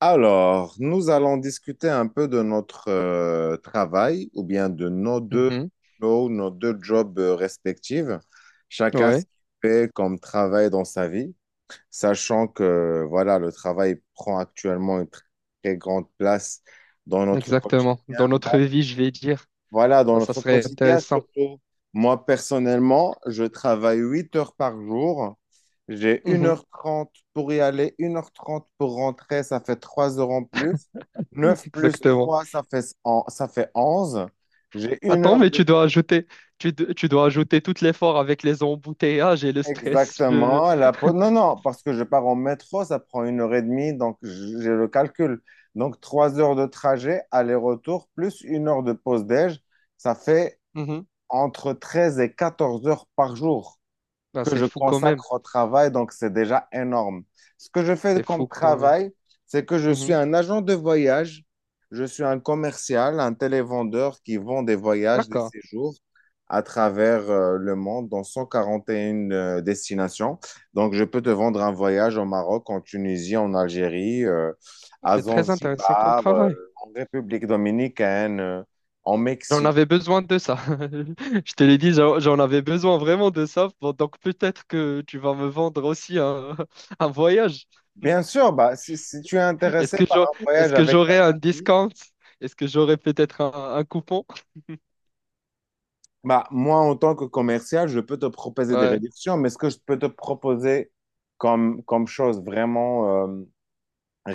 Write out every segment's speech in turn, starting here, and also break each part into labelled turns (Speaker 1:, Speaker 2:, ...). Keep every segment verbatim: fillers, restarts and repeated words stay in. Speaker 1: Alors, nous allons discuter un peu de notre euh, travail ou bien de nos deux
Speaker 2: Mhm.
Speaker 1: boulots, nos deux jobs euh, respectifs. Chacun ce
Speaker 2: Ouais,
Speaker 1: qu'il fait comme travail dans sa vie, sachant que voilà, le travail prend actuellement une très, très grande place dans notre
Speaker 2: exactement.
Speaker 1: quotidien.
Speaker 2: Dans notre vie, je vais dire.
Speaker 1: Voilà, dans
Speaker 2: Ah, ça
Speaker 1: notre
Speaker 2: serait
Speaker 1: quotidien,
Speaker 2: intéressant.
Speaker 1: surtout, moi personnellement, je travaille huit heures par jour. J'ai une
Speaker 2: Mhm.
Speaker 1: heure trente pour y aller, une heure trente pour rentrer, ça fait trois heures en plus. Neuf plus
Speaker 2: Exactement.
Speaker 1: trois ça fait, en- ça fait onze. J'ai une
Speaker 2: Attends,
Speaker 1: heure
Speaker 2: mais
Speaker 1: de...
Speaker 2: tu dois ajouter, tu, do- tu dois ajouter tout l'effort avec les embouteillages et le stress. je-
Speaker 1: Exactement. La... pau- Non, non, parce que je pars en métro, ça prend une heure et demie, donc j- j'ai le calcul. Donc trois heures de trajet, aller-retour, plus une heure de pause déj, ça fait
Speaker 2: Mhm.
Speaker 1: entre treize et quatorze heures par jour
Speaker 2: Ah,
Speaker 1: que
Speaker 2: c'est
Speaker 1: je
Speaker 2: fou quand même.
Speaker 1: consacre au travail, donc c'est déjà énorme. Ce que je fais
Speaker 2: C'est fou
Speaker 1: comme
Speaker 2: quand même.
Speaker 1: travail, c'est que je suis
Speaker 2: Mhm.
Speaker 1: un agent de voyage, je suis un commercial, un télévendeur qui vend des voyages, des
Speaker 2: D'accord.
Speaker 1: séjours à travers euh, le monde dans cent quarante et une euh, destinations. Donc, je peux te vendre un voyage au Maroc, en Tunisie, en Algérie, euh, à
Speaker 2: C'est très intéressant comme
Speaker 1: Zanzibar, euh,
Speaker 2: travail.
Speaker 1: en République dominicaine, euh, en
Speaker 2: J'en
Speaker 1: Mexique.
Speaker 2: avais besoin de ça. Je te l'ai dit, j'en j'en avais besoin vraiment de ça. Bon, donc peut-être que tu vas me vendre aussi un, un voyage.
Speaker 1: Bien sûr, bah, si, si tu es
Speaker 2: Est-ce
Speaker 1: intéressé
Speaker 2: que
Speaker 1: par
Speaker 2: j'aurais,
Speaker 1: un
Speaker 2: est-ce
Speaker 1: voyage
Speaker 2: que
Speaker 1: avec ta
Speaker 2: j'aurais un
Speaker 1: famille.
Speaker 2: discount? Est-ce que j'aurais peut-être un, un coupon?
Speaker 1: Bah, moi, en tant que commercial, je peux te proposer des
Speaker 2: Ouais,
Speaker 1: réductions, mais ce que je peux te proposer comme, comme chose vraiment euh,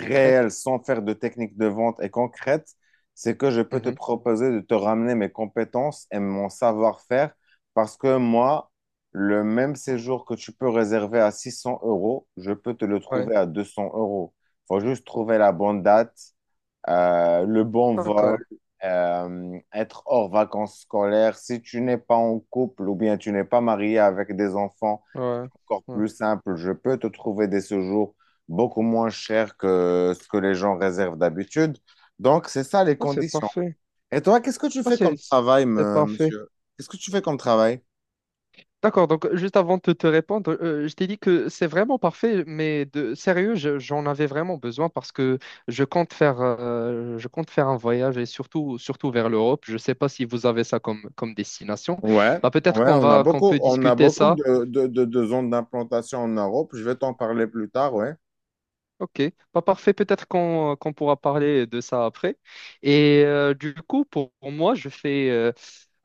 Speaker 2: en Crète.
Speaker 1: sans faire de technique de vente et concrète, c'est que je peux te
Speaker 2: Mhm.
Speaker 1: proposer de te ramener mes compétences et mon savoir-faire, parce que moi, le même séjour que tu peux réserver à six cents euros, je peux te le
Speaker 2: Ouais,
Speaker 1: trouver à deux cents euros. Faut juste trouver la bonne date, euh, le bon vol,
Speaker 2: d'accord.
Speaker 1: euh, être hors vacances scolaires. Si tu n'es pas en couple ou bien tu n'es pas marié avec des enfants,
Speaker 2: Ouais,
Speaker 1: encore
Speaker 2: ouais.
Speaker 1: plus simple, je peux te trouver des séjours beaucoup moins chers que ce que les gens réservent d'habitude. Donc, c'est ça les
Speaker 2: Ah, c'est
Speaker 1: conditions.
Speaker 2: parfait.
Speaker 1: Et toi, qu'est-ce que tu
Speaker 2: Ah,
Speaker 1: fais
Speaker 2: c'est
Speaker 1: comme travail,
Speaker 2: c'est
Speaker 1: me-
Speaker 2: parfait.
Speaker 1: monsieur? Qu'est-ce que tu fais comme travail?
Speaker 2: D'accord, donc juste avant de te répondre, euh, je t'ai dit que c'est vraiment parfait, mais de sérieux, je- j'en avais vraiment besoin parce que je compte faire, euh, je compte faire un voyage et surtout, surtout vers l'Europe. Je ne sais pas si vous avez ça comme, comme destination.
Speaker 1: Ouais,
Speaker 2: Bah, peut-être
Speaker 1: ouais,
Speaker 2: qu'on
Speaker 1: on a
Speaker 2: va, qu'on
Speaker 1: beaucoup,
Speaker 2: peut
Speaker 1: on a
Speaker 2: discuter
Speaker 1: beaucoup
Speaker 2: ça.
Speaker 1: de, de, de, de zones d'implantation en Europe. Je vais t'en parler plus tard, ouais.
Speaker 2: Ok, pas parfait, peut-être qu'on qu'on pourra parler de ça après. Et euh, du coup, pour, pour moi, je fais, euh,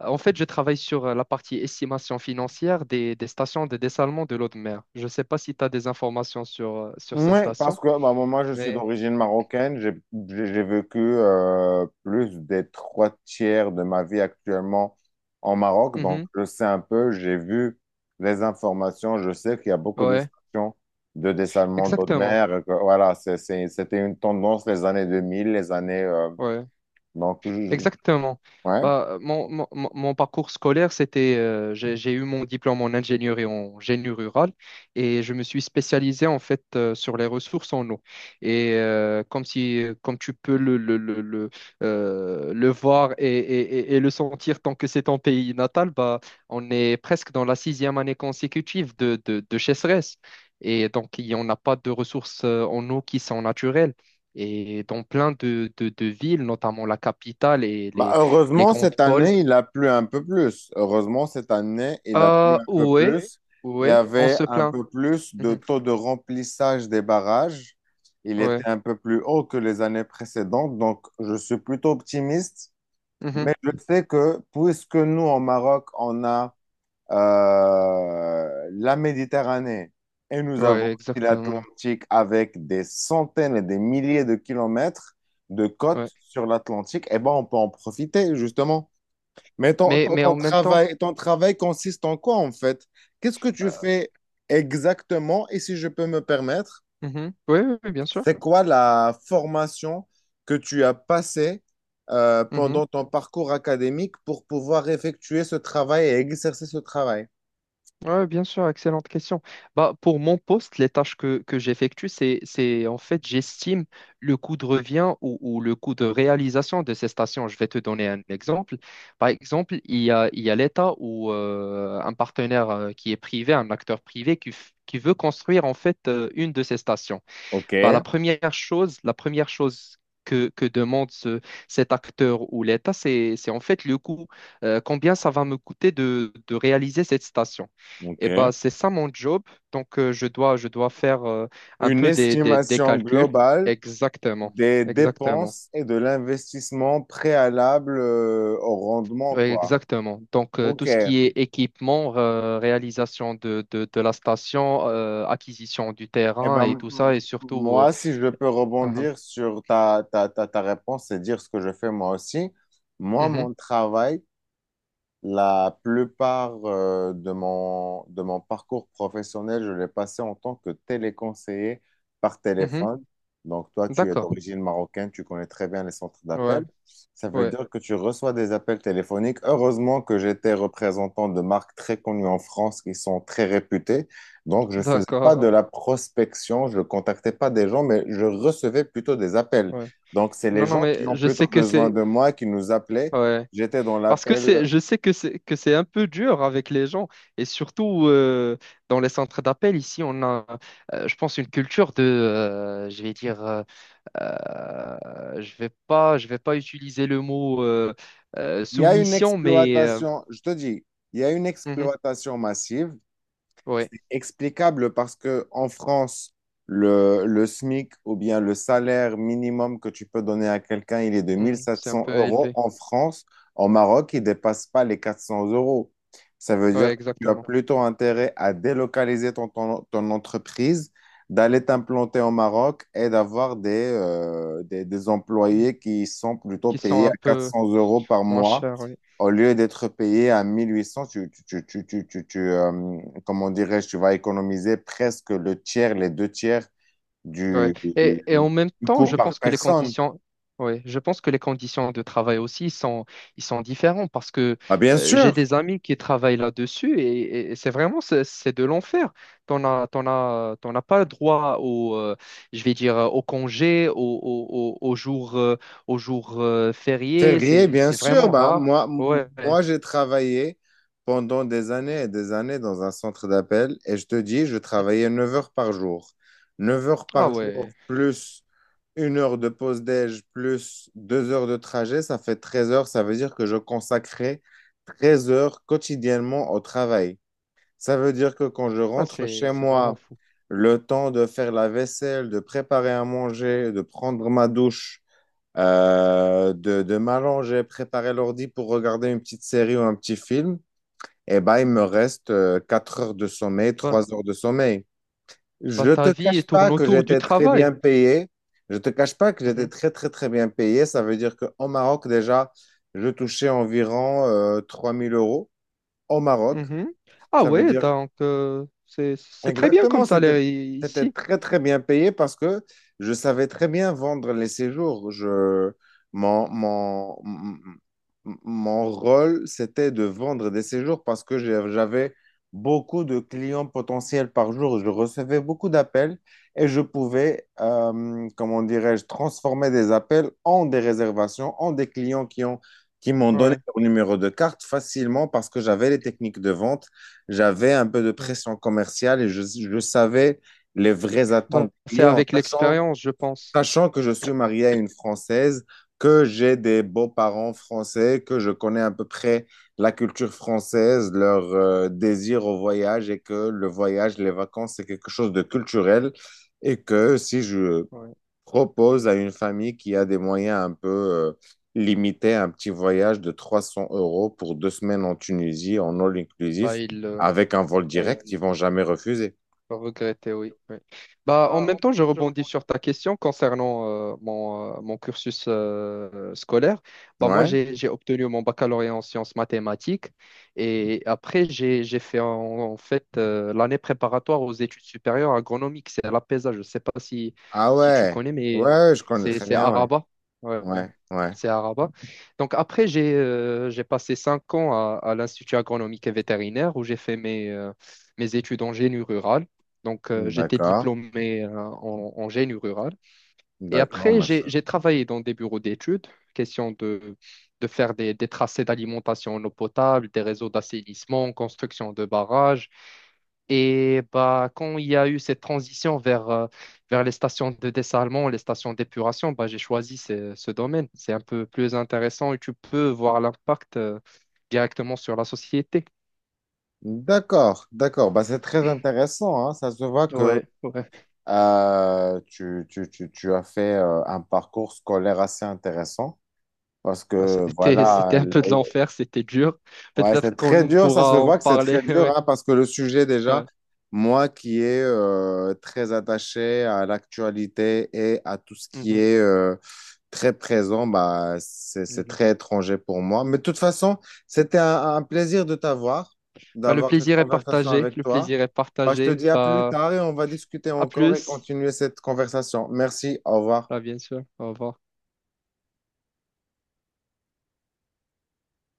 Speaker 2: en fait, je travaille sur euh, la partie estimation financière des, des stations de dessalement de l'eau de mer. Je ne sais pas si tu as des informations sur, euh, sur ces
Speaker 1: Oui, parce
Speaker 2: stations,
Speaker 1: que bah, moi, moi, je suis
Speaker 2: mais
Speaker 1: d'origine marocaine. J'ai j'ai- j'ai vécu euh, plus des trois tiers de ma vie actuellement en Maroc. Donc,
Speaker 2: mhm.
Speaker 1: je sais un peu, j'ai vu les informations. Je sais qu'il y a beaucoup de
Speaker 2: Ouais,
Speaker 1: stations de dessalement d'eau de
Speaker 2: exactement.
Speaker 1: mer, et que, voilà, c'est- c'est- c'était une tendance les années deux mille, les années. Euh,
Speaker 2: Ouais.
Speaker 1: donc, je- je-
Speaker 2: Exactement.
Speaker 1: ouais.
Speaker 2: Bah, euh, mon, mon- mon- mon parcours scolaire, c'était, euh, j'ai, j'ai eu mon diplôme en ingénierie en génie rural et je me suis spécialisé en fait euh, sur les ressources en eau. Et euh, comme si, euh, comme tu peux le, le, le, le, euh, le voir et, et- et- et le sentir tant que c'est ton pays natal, bah, on est presque dans la sixième année consécutive de, de, de sécheresse. Et donc, il n'y en a pas de ressources euh, en eau qui sont naturelles. Et dans plein de, de- de villes, notamment la capitale et
Speaker 1: Bah,
Speaker 2: les, les
Speaker 1: heureusement,
Speaker 2: grandes
Speaker 1: cette
Speaker 2: pôles.
Speaker 1: année, il a plu un peu plus. Heureusement, cette année, il a plu
Speaker 2: Ah,
Speaker 1: un peu
Speaker 2: ouais,
Speaker 1: plus. Il y
Speaker 2: ouais, on
Speaker 1: avait
Speaker 2: se
Speaker 1: un
Speaker 2: plaint.
Speaker 1: peu plus de
Speaker 2: Mhm,
Speaker 1: taux de remplissage des barrages. Il
Speaker 2: ouais,
Speaker 1: était un peu plus haut que les années précédentes, donc je suis plutôt optimiste.
Speaker 2: mhm,
Speaker 1: Mais je sais que puisque nous, en Maroc, on a euh, la Méditerranée, et nous avons
Speaker 2: ouais,
Speaker 1: aussi
Speaker 2: exactement.
Speaker 1: l'Atlantique avec des centaines et des milliers de kilomètres de côtes
Speaker 2: Ouais.
Speaker 1: sur l'Atlantique, eh ben, on peut en profiter, justement. Mais ton,
Speaker 2: Mais,
Speaker 1: ton-
Speaker 2: mais
Speaker 1: ton
Speaker 2: en même temps,
Speaker 1: travail, ton travail consiste en quoi, en fait? Qu'est-ce que tu
Speaker 2: euh,
Speaker 1: fais exactement? Et si je peux me permettre,
Speaker 2: mhm, ouais, ouais, ouais, bien sûr.
Speaker 1: c'est quoi la formation que tu as passée euh,
Speaker 2: Mhm.
Speaker 1: pendant ton parcours académique pour pouvoir effectuer ce travail et exercer ce travail?
Speaker 2: Ouais, bien sûr, excellente question. Bah, pour mon poste, les tâches que, que j'effectue, c'est, c'est en fait, j'estime le coût de revient ou, ou le coût de réalisation de ces stations. Je vais te donner un exemple. Par exemple, il y a, il y a l'État ou euh, un partenaire euh, qui est privé, un acteur privé qui, f- qui veut construire en fait euh, une de ces stations. Bah,
Speaker 1: OK.
Speaker 2: la première chose, la première chose que, que demande ce- cet acteur ou l'État, c'est, c'est en fait le coût. Euh, combien ça va me coûter de, de réaliser cette station? Et
Speaker 1: OK.
Speaker 2: bah, c'est ça mon job. Donc, euh, je dois, je dois faire euh, un
Speaker 1: Une
Speaker 2: peu des, des, des
Speaker 1: estimation
Speaker 2: calculs.
Speaker 1: globale
Speaker 2: Exactement.
Speaker 1: des
Speaker 2: Exactement.
Speaker 1: dépenses et de l'investissement préalable euh, au rendement,
Speaker 2: Ouais,
Speaker 1: quoi.
Speaker 2: exactement. Donc, euh, tout
Speaker 1: OK.
Speaker 2: ce
Speaker 1: Eh
Speaker 2: qui est équipement, euh, réalisation de, de, de la station, euh, acquisition du terrain
Speaker 1: ben,
Speaker 2: et
Speaker 1: m-
Speaker 2: tout ça,
Speaker 1: m-
Speaker 2: et surtout. euh,
Speaker 1: moi, si je peux
Speaker 2: Mhm.
Speaker 1: rebondir sur ta, ta, ta, ta réponse et dire ce que je fais moi aussi, moi,
Speaker 2: Mhm.
Speaker 1: mon travail, la plupart euh, de mon, de mon parcours professionnel, je l'ai passé en tant que téléconseiller par
Speaker 2: Mhm.
Speaker 1: téléphone. Donc, toi, tu es
Speaker 2: D'accord.
Speaker 1: d'origine marocaine, tu connais très bien les centres
Speaker 2: Ouais.
Speaker 1: d'appel. Ça veut
Speaker 2: Ouais.
Speaker 1: dire que tu reçois des appels téléphoniques. Heureusement que j'étais représentant de marques très connues en France qui sont très réputées. Donc, je ne faisais pas
Speaker 2: D'accord.
Speaker 1: de la prospection, je ne contactais pas des gens, mais je recevais plutôt des appels.
Speaker 2: Ouais.
Speaker 1: Donc, c'est les
Speaker 2: Non, non,
Speaker 1: gens qui
Speaker 2: mais
Speaker 1: ont
Speaker 2: je sais
Speaker 1: plutôt
Speaker 2: que
Speaker 1: besoin
Speaker 2: c'est.
Speaker 1: de moi qui nous appelaient.
Speaker 2: Ouais.
Speaker 1: J'étais dans
Speaker 2: Parce que
Speaker 1: l'appel.
Speaker 2: c'est, je sais que c'est que c'est un peu dur avec les gens. Et surtout euh, dans les centres d'appel, ici, on a, euh, je pense, une culture de, euh, je vais dire, euh, euh, je vais pas, je vais pas utiliser le mot euh, euh,
Speaker 1: Il y a une
Speaker 2: soumission, mais euh,
Speaker 1: exploitation, je te dis, il y a une
Speaker 2: mhm,
Speaker 1: exploitation massive.
Speaker 2: ouais,
Speaker 1: C'est explicable parce que en France, le, le SMIC ou bien le salaire minimum que tu peux donner à quelqu'un, il est de mille
Speaker 2: mhm,
Speaker 1: sept
Speaker 2: c'est un
Speaker 1: cents
Speaker 2: peu
Speaker 1: euros.
Speaker 2: élevé.
Speaker 1: En France, en Maroc, il ne dépasse pas les quatre cents euros. Ça veut
Speaker 2: Ouais,
Speaker 1: dire que tu as
Speaker 2: exactement.
Speaker 1: plutôt intérêt à délocaliser ton, ton, ton entreprise, d'aller t'implanter au Maroc et d'avoir des, euh, des, des
Speaker 2: Mm.
Speaker 1: employés qui sont plutôt
Speaker 2: Qui sont
Speaker 1: payés
Speaker 2: un
Speaker 1: à quatre
Speaker 2: peu
Speaker 1: cents euros par
Speaker 2: moins
Speaker 1: mois
Speaker 2: chers. Oui.
Speaker 1: au lieu d'être payé à mille huit cents, tu, tu, tu, tu, tu, tu- tu, euh, comment dirais-je, tu vas économiser presque le tiers, les deux tiers
Speaker 2: Ouais.
Speaker 1: du,
Speaker 2: Et, et
Speaker 1: du,
Speaker 2: en même
Speaker 1: du
Speaker 2: temps,
Speaker 1: coût
Speaker 2: je
Speaker 1: par
Speaker 2: pense que les
Speaker 1: personne.
Speaker 2: conditions, ouais, je pense que les conditions de travail aussi sont, ils sont différents parce que
Speaker 1: Ah, bien
Speaker 2: euh, j'ai
Speaker 1: sûr.
Speaker 2: des amis qui travaillent là-dessus et, et- et c'est vraiment c'est c'est de l'enfer. T'en as, t'en as, t'en as pas droit au, euh, je vais dire, euh, au congé, au, au, au, au jour, euh, au jour euh, férié.
Speaker 1: Férié,
Speaker 2: C'est,
Speaker 1: bien
Speaker 2: c'est
Speaker 1: sûr.
Speaker 2: vraiment
Speaker 1: Bah,
Speaker 2: rare.
Speaker 1: moi, m-
Speaker 2: Ouais.
Speaker 1: moi j'ai travaillé pendant des années et des années dans un centre d'appel et je te dis, je travaillais neuf heures par jour. Neuf heures
Speaker 2: Ah
Speaker 1: par jour
Speaker 2: ouais.
Speaker 1: plus une heure de pause déj plus deux heures de trajet, ça fait treize heures. Ça veut dire que je consacrais treize heures quotidiennement au travail. Ça veut dire que quand je
Speaker 2: Bah,
Speaker 1: rentre
Speaker 2: c'est,
Speaker 1: chez
Speaker 2: c'est vraiment
Speaker 1: moi,
Speaker 2: fou.
Speaker 1: le temps de faire la vaisselle, de préparer à manger, de prendre ma douche, euh, de, de m'allonger, préparer l'ordi pour regarder une petite série ou un petit film, eh ben, il me reste euh, quatre heures de sommeil,
Speaker 2: Bah,
Speaker 1: trois heures de sommeil. Je
Speaker 2: bah,
Speaker 1: ne te
Speaker 2: ta vie
Speaker 1: cache pas
Speaker 2: tourne
Speaker 1: que
Speaker 2: autour du
Speaker 1: j'étais très
Speaker 2: travail.
Speaker 1: bien payé. Je ne te cache pas que j'étais très, très, très bien payé. Ça veut dire qu'au Maroc, déjà, je touchais environ euh, trois mille euros au Maroc.
Speaker 2: Mhm. Ah
Speaker 1: Ça veut
Speaker 2: ouais,
Speaker 1: dire
Speaker 2: donc euh, c'est c'est très bien comme
Speaker 1: exactement, c'était,
Speaker 2: salaire i-
Speaker 1: c'était
Speaker 2: ici.
Speaker 1: très très bien payé parce que je savais très bien vendre les séjours. Je, mon, mon, m- m- mon rôle, c'était de vendre des séjours parce que j'ai- j'avais beaucoup de clients potentiels par jour. Je recevais beaucoup d'appels et je pouvais, euh, comment dirais-je, transformer des appels en des réservations, en des clients qui ont, qui m'ont donné
Speaker 2: Ouais.
Speaker 1: leur numéro de carte facilement parce que j'avais les techniques de vente, j'avais un peu de
Speaker 2: Ouais.
Speaker 1: pression commerciale et je, je savais les vraies
Speaker 2: Bah,
Speaker 1: attentes des
Speaker 2: c'est
Speaker 1: clients,
Speaker 2: avec
Speaker 1: sachant,
Speaker 2: l'expérience, je pense.
Speaker 1: sachant que je suis marié à une Française, que j'ai des beaux-parents français, que je connais à peu près la culture française, leur euh, désir au voyage, et que le voyage, les vacances, c'est quelque chose de culturel, et que si je
Speaker 2: Ouais.
Speaker 1: propose à une famille qui a des moyens un peu euh, limités un petit voyage de trois cents euros pour deux semaines en Tunisie, en all
Speaker 2: Bah,
Speaker 1: inclusif,
Speaker 2: il,
Speaker 1: avec un vol direct, ils vont jamais refuser.
Speaker 2: regretter, oui. Oui. Bah, en même temps, je rebondis sur ta question concernant euh, mon, euh, mon cursus euh, scolaire. Bah, moi,
Speaker 1: Ouais?
Speaker 2: j'ai, j'ai obtenu mon baccalauréat en sciences mathématiques et après, j'ai, j'ai fait en, en fait euh, l'année préparatoire aux études supérieures agronomiques. C'est à l'A P E S A, je ne sais pas si,
Speaker 1: Ah
Speaker 2: si tu
Speaker 1: ouais.
Speaker 2: connais, mais
Speaker 1: Ouais, je connais
Speaker 2: c'est
Speaker 1: très
Speaker 2: c'est
Speaker 1: bien,
Speaker 2: à
Speaker 1: ouais.
Speaker 2: Rabat. Ouais, ouais.
Speaker 1: Ouais, ouais.
Speaker 2: C'est à Rabat. Donc après, j'ai euh, j'ai passé cinq ans à, à l'Institut agronomique et vétérinaire où j'ai fait mes, euh, mes études en génie rural. Donc, euh, j'étais
Speaker 1: D'accord.
Speaker 2: diplômé euh, en, en génie rural. Et
Speaker 1: D'accord,
Speaker 2: après, j'ai
Speaker 1: machin.
Speaker 2: j'ai travaillé dans des bureaux d'études, question de, de faire des, des tracés d'alimentation en eau potable, des réseaux d'assainissement, construction de barrages. Et bah, quand il y a eu cette transition vers, euh, vers les stations de dessalement, les stations d'épuration, bah, j'ai choisi ce, ce domaine. C'est un peu plus intéressant et tu peux voir l'impact euh, directement sur la société.
Speaker 1: D'accord, d'accord. Bah, c'est très intéressant, hein. Ça se voit que
Speaker 2: Ouais, ouais.
Speaker 1: euh, tu, tu, tu, tu as fait euh, un parcours scolaire assez intéressant, parce
Speaker 2: Ben,
Speaker 1: que
Speaker 2: c'était, c'était
Speaker 1: voilà,
Speaker 2: un peu de l'enfer, c'était dur.
Speaker 1: ouais,
Speaker 2: Peut-être
Speaker 1: c'est très
Speaker 2: qu'on
Speaker 1: dur, ça se
Speaker 2: pourra en
Speaker 1: voit que c'est très
Speaker 2: parler.
Speaker 1: dur,
Speaker 2: Ouais,
Speaker 1: hein, parce que le sujet déjà,
Speaker 2: ouais.
Speaker 1: moi qui est euh, très attaché à l'actualité et à tout ce qui
Speaker 2: Mhm,
Speaker 1: est euh, très présent, bah, c'est, c'est
Speaker 2: mhm.
Speaker 1: très étranger pour moi. Mais de toute façon, c'était un, un plaisir de t'avoir,
Speaker 2: Ben, le
Speaker 1: d'avoir cette
Speaker 2: plaisir est
Speaker 1: conversation
Speaker 2: partagé.
Speaker 1: avec
Speaker 2: Le
Speaker 1: toi.
Speaker 2: plaisir est
Speaker 1: Bah, je te
Speaker 2: partagé.
Speaker 1: dis à plus
Speaker 2: Ben,
Speaker 1: tard et on va discuter
Speaker 2: à
Speaker 1: encore et
Speaker 2: plus.
Speaker 1: continuer cette conversation. Merci, au revoir.
Speaker 2: Ben, bien sûr. Au revoir.